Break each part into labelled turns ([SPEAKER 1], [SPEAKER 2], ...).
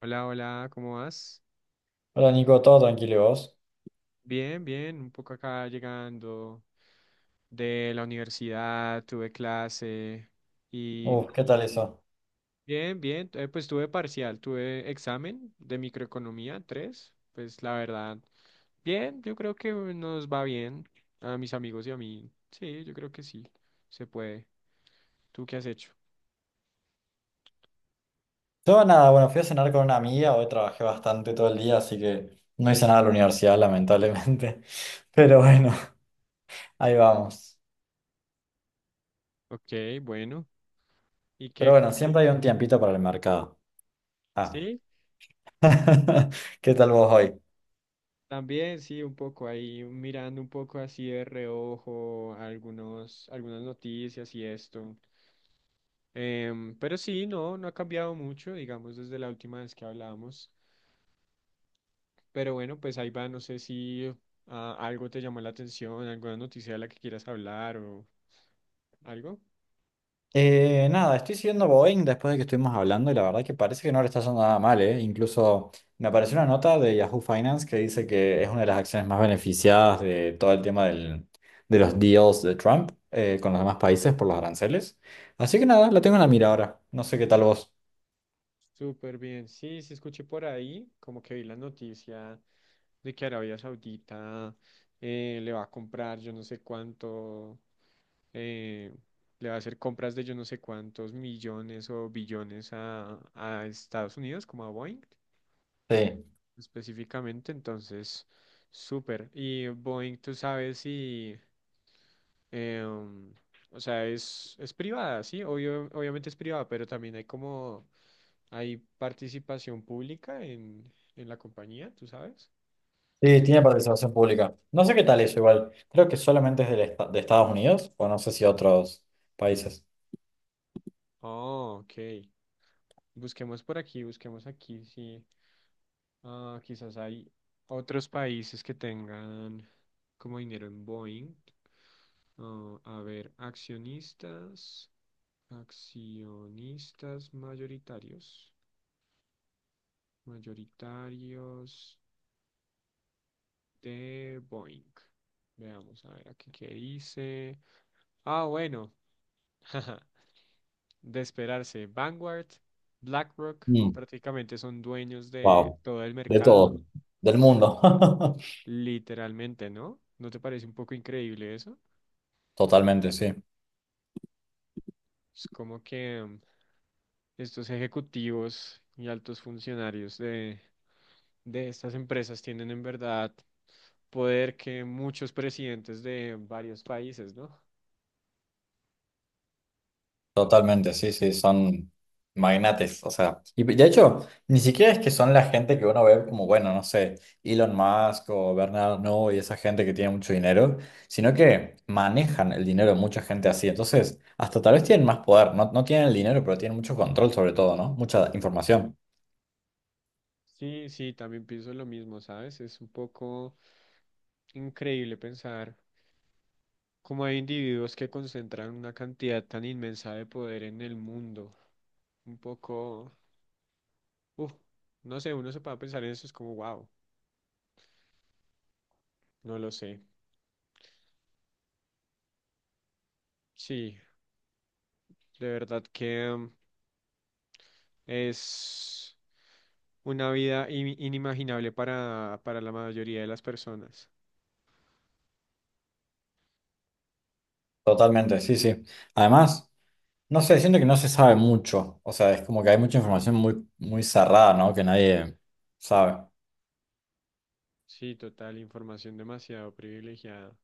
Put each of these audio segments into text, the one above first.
[SPEAKER 1] Hola, hola, ¿cómo vas?
[SPEAKER 2] Hola Nico, todo tranquilo, ¿y vos?
[SPEAKER 1] Bien, bien, un poco acá llegando de la universidad, tuve clase y
[SPEAKER 2] Uf, ¿qué
[SPEAKER 1] nada,
[SPEAKER 2] tal eso?
[SPEAKER 1] bien, bien, pues tuve parcial, tuve examen de microeconomía tres, pues la verdad, bien, yo creo que nos va bien a mis amigos y a mí, sí, yo creo que sí, se puede. ¿Tú qué has hecho?
[SPEAKER 2] Yo nada, bueno, fui a cenar con una amiga, hoy trabajé bastante todo el día, así que no hice nada de la universidad, lamentablemente. Pero bueno, ahí vamos.
[SPEAKER 1] Ok, bueno, ¿y
[SPEAKER 2] Pero
[SPEAKER 1] qué,
[SPEAKER 2] bueno,
[SPEAKER 1] cómo,
[SPEAKER 2] siempre hay un
[SPEAKER 1] eh,
[SPEAKER 2] tiempito para el mercado. Ah.
[SPEAKER 1] sí,
[SPEAKER 2] ¿Qué tal vos hoy?
[SPEAKER 1] también sí, un poco ahí mirando un poco así de reojo algunos, algunas noticias y esto. Pero sí, no, no ha cambiado mucho, digamos, desde la última vez que hablamos. Pero bueno, pues ahí va, no sé si algo te llamó la atención, alguna noticia de la que quieras hablar o algo.
[SPEAKER 2] Nada, estoy siguiendo Boeing después de que estuvimos hablando y la verdad que parece que no le está yendo nada mal, ¿eh? Incluso me apareció una nota de Yahoo Finance que dice que es una de las acciones más beneficiadas de todo el tema de los deals de Trump con los demás países por los aranceles. Así que nada, la tengo en la mira ahora. No sé qué tal vos.
[SPEAKER 1] Súper bien, sí, sí escuché por ahí, como que vi la noticia de que Arabia Saudita le va a comprar yo no sé cuánto. eh, Le va a hacer compras de yo no sé cuántos millones o billones a Estados Unidos, como a Boeing
[SPEAKER 2] Sí,
[SPEAKER 1] específicamente. Entonces, súper. Y Boeing, tú sabes si, em, o sea, es privada, sí, obviamente es privada, pero también hay como, hay participación pública en la compañía, tú sabes.
[SPEAKER 2] sí, tiene participación pública. No sé qué tal eso igual. Creo que solamente es de Estados Unidos o no sé si otros países.
[SPEAKER 1] Oh, ok. Busquemos por aquí, busquemos aquí, sí. Ah, quizás hay otros países que tengan como dinero en Boeing. Ah, a ver, accionistas, accionistas mayoritarios, mayoritarios de Boeing. Veamos, a ver, aquí qué dice. Ah, bueno, de esperarse. Vanguard, BlackRock,
[SPEAKER 2] Mm,
[SPEAKER 1] prácticamente son dueños de
[SPEAKER 2] wow,
[SPEAKER 1] todo el
[SPEAKER 2] de
[SPEAKER 1] mercado,
[SPEAKER 2] todo, del mundo.
[SPEAKER 1] literalmente, ¿no? ¿No te parece un poco increíble eso?
[SPEAKER 2] Totalmente, sí.
[SPEAKER 1] Es como que estos ejecutivos y altos funcionarios de estas empresas tienen en verdad poder que muchos presidentes de varios países, ¿no?
[SPEAKER 2] Totalmente, sí, sí, son magnates, o sea, y de hecho, ni siquiera es que son la gente que uno ve como, bueno, no sé, Elon Musk o Bernard Arnault y esa gente que tiene mucho dinero, sino que manejan el dinero de mucha gente así, entonces, hasta tal vez tienen más poder, no, no tienen el dinero, pero tienen mucho control sobre todo, ¿no? Mucha información.
[SPEAKER 1] Sí, sí, también pienso lo mismo, ¿sabes? Es un poco increíble pensar cómo hay individuos que concentran una cantidad tan inmensa de poder en el mundo. Un poco, uff, no sé, uno se puede pensar en eso, es como, wow, no lo sé. Sí, de verdad que... Es una vida inimaginable para la mayoría de las personas.
[SPEAKER 2] Totalmente, sí, sí. Además, no sé, siento que no se sabe mucho, o sea, es como que hay mucha información muy, muy cerrada, ¿no? Que nadie sabe.
[SPEAKER 1] Sí, total, información demasiado privilegiada.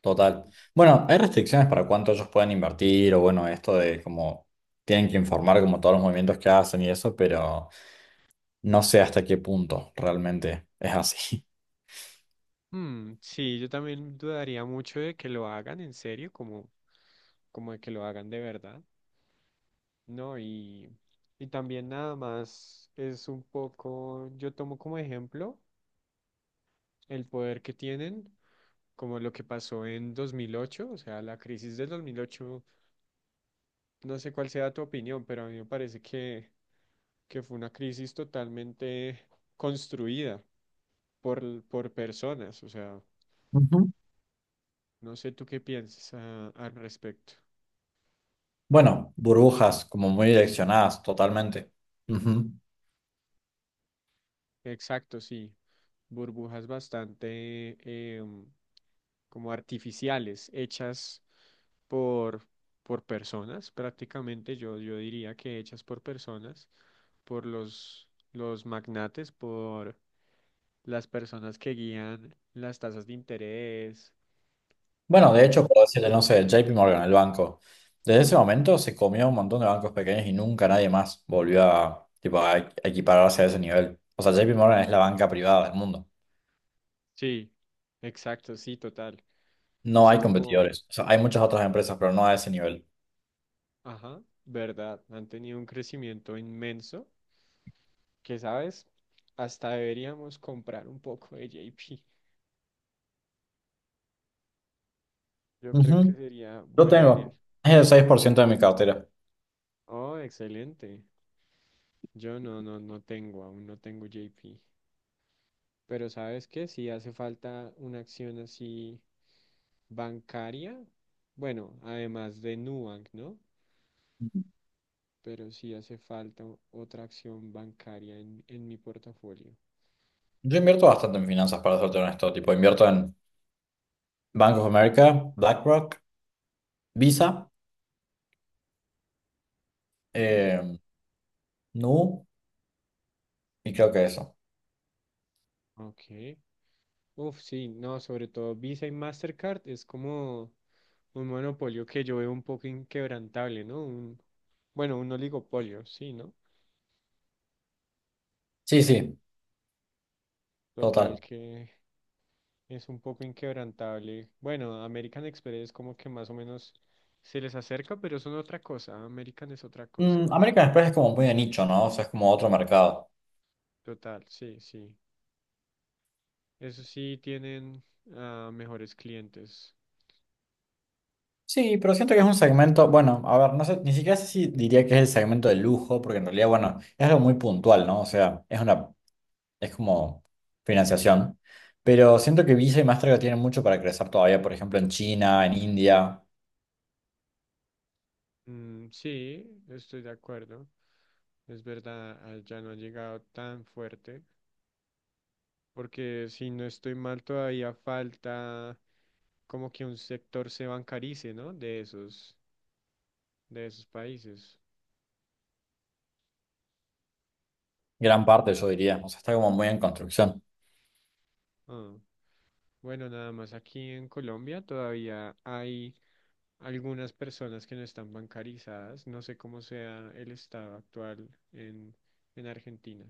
[SPEAKER 2] Total. Bueno, hay restricciones para cuánto ellos pueden invertir o bueno, esto de como tienen que informar como todos los movimientos que hacen y eso, pero no sé hasta qué punto realmente es así.
[SPEAKER 1] Hmm, sí, yo también dudaría mucho de que lo hagan en serio, como, de que lo hagan de verdad, ¿no? Y también nada más es un poco, yo tomo como ejemplo el poder que tienen, como lo que pasó en 2008, o sea, la crisis del 2008. No sé cuál sea tu opinión, pero a mí me parece que fue una crisis totalmente construida por personas. O sea,
[SPEAKER 2] Ujú.
[SPEAKER 1] no sé tú qué piensas al respecto.
[SPEAKER 2] Bueno, burbujas como muy direccionadas totalmente. Ujú.
[SPEAKER 1] Exacto, sí. Burbujas bastante em, como artificiales, hechas por, por personas, prácticamente yo diría que hechas por personas, por los magnates, por las personas que guían las tasas de interés,
[SPEAKER 2] Bueno, de
[SPEAKER 1] también.
[SPEAKER 2] hecho, puedo decirle, no sé, JP Morgan, el banco, desde ese momento se comió un montón de bancos pequeños y nunca nadie más volvió a, tipo, a equipararse a ese nivel. O sea, JP Morgan es la banca privada del mundo.
[SPEAKER 1] Sí, exacto, sí, total.
[SPEAKER 2] No
[SPEAKER 1] Es
[SPEAKER 2] hay
[SPEAKER 1] como,
[SPEAKER 2] competidores. O sea, hay muchas otras empresas, pero no a ese nivel.
[SPEAKER 1] ajá, verdad, han tenido un crecimiento inmenso que, ¿sabes? Hasta deberíamos comprar un poco de JP. Yo creo que
[SPEAKER 2] Ujú.
[SPEAKER 1] sería
[SPEAKER 2] Yo
[SPEAKER 1] buena idea.
[SPEAKER 2] tengo es el 6% de mi cartera.
[SPEAKER 1] Oh, excelente. Yo no, no, no tengo, aún no tengo JP. Pero ¿sabes qué? Si hace falta una acción así bancaria, bueno, además de Nubank, ¿no? Pero sí hace falta otra acción bancaria en mi portafolio.
[SPEAKER 2] Yo invierto bastante en finanzas, para serte honesto. Tipo, invierto en Bank of America, BlackRock, Visa,
[SPEAKER 1] Mm,
[SPEAKER 2] eh, Nu y creo que eso.
[SPEAKER 1] ok. Uf, sí, no, sobre todo Visa y Mastercard es como un monopolio que yo veo un poco inquebrantable, ¿no? Un, bueno, un oligopolio, sí, ¿no?
[SPEAKER 2] Sí, sí,
[SPEAKER 1] Total
[SPEAKER 2] total.
[SPEAKER 1] que es un poco inquebrantable. Bueno, American Express como que más o menos se les acerca, pero son otra cosa. American es otra cosa.
[SPEAKER 2] Mm, American Express es como muy de nicho, ¿no? O sea, es como otro mercado.
[SPEAKER 1] Total, sí, sí. Eso sí tienen mejores clientes.
[SPEAKER 2] Sí, pero siento que es un segmento, bueno, a ver, no sé, ni siquiera sé si diría que es el segmento de lujo, porque en realidad, bueno, es algo muy puntual, ¿no? O sea, es una es como financiación. Pero siento que Visa y Mastercard tienen mucho para crecer todavía, por ejemplo, en China, en India,
[SPEAKER 1] Mm, sí, estoy de acuerdo. Es verdad, ya no ha llegado tan fuerte, porque si no estoy mal, todavía falta como que un sector se bancarice, ¿no? De esos países.
[SPEAKER 2] gran parte, yo diría. O sea, está como muy en construcción.
[SPEAKER 1] Ah, bueno, nada más aquí en Colombia todavía hay algunas personas que no están bancarizadas. No sé cómo sea el estado actual en Argentina.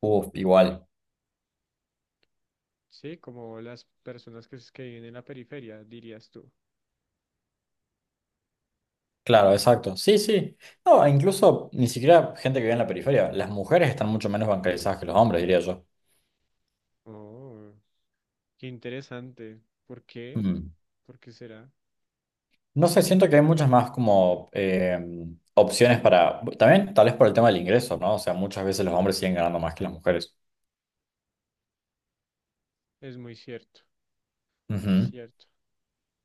[SPEAKER 2] Uf, igual.
[SPEAKER 1] Sí, como las personas que, que viven en la periferia, dirías tú.
[SPEAKER 2] Claro, exacto. Sí, sí. No, e incluso ni siquiera gente que vive en la periferia. Las mujeres están mucho menos bancarizadas que los hombres, diría yo.
[SPEAKER 1] Oh. Qué interesante. ¿Por qué?
[SPEAKER 2] Mm.
[SPEAKER 1] ¿Por qué será?
[SPEAKER 2] No sé, siento que hay muchas más como opciones para... También tal vez por el tema del ingreso, ¿no? O sea, muchas veces los hombres siguen ganando más que las mujeres.
[SPEAKER 1] Es muy cierto,
[SPEAKER 2] Ujú.
[SPEAKER 1] cierto.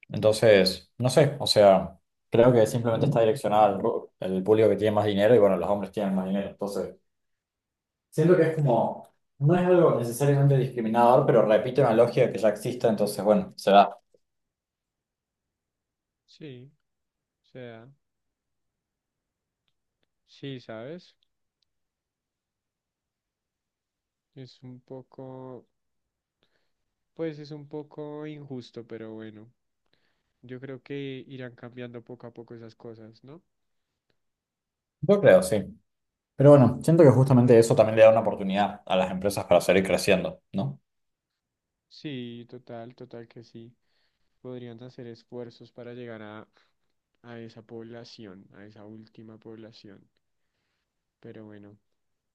[SPEAKER 2] Entonces, no sé, o sea, creo que simplemente está direccionada al el público que tiene más dinero y bueno, los hombres tienen más dinero. Entonces, siento que es como, no es algo necesariamente discriminador, pero repite una lógica que ya existe, entonces, bueno, se da.
[SPEAKER 1] Sí, o sea, sí, ¿sabes? Es un poco, pues es un poco injusto, pero bueno, yo creo que irán cambiando poco a poco esas cosas, ¿no?
[SPEAKER 2] Yo creo, sí. Pero bueno, siento que justamente eso también le da una oportunidad a las empresas para seguir creciendo, ¿no?
[SPEAKER 1] Sí, total, total que sí. Podrían hacer esfuerzos para llegar a esa población, a esa última población. Pero bueno,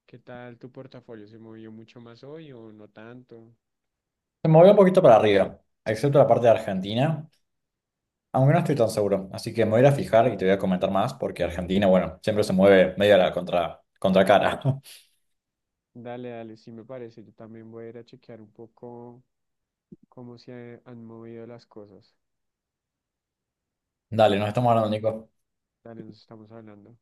[SPEAKER 1] ¿qué tal tu portafolio? ¿Se movió mucho más hoy o no tanto?
[SPEAKER 2] Se movió un poquito para arriba, excepto la parte de Argentina, aunque no estoy tan seguro. Así que me voy a ir a fijar y te voy a comentar más, porque Argentina, bueno, siempre se mueve medio a la contra, contracara.
[SPEAKER 1] Dale, dale, sí me parece. Yo también voy a ir a chequear un poco cómo se han movido las cosas.
[SPEAKER 2] Dale, nos
[SPEAKER 1] Dale,
[SPEAKER 2] estamos hablando, Nico.
[SPEAKER 1] dale, nos estamos hablando.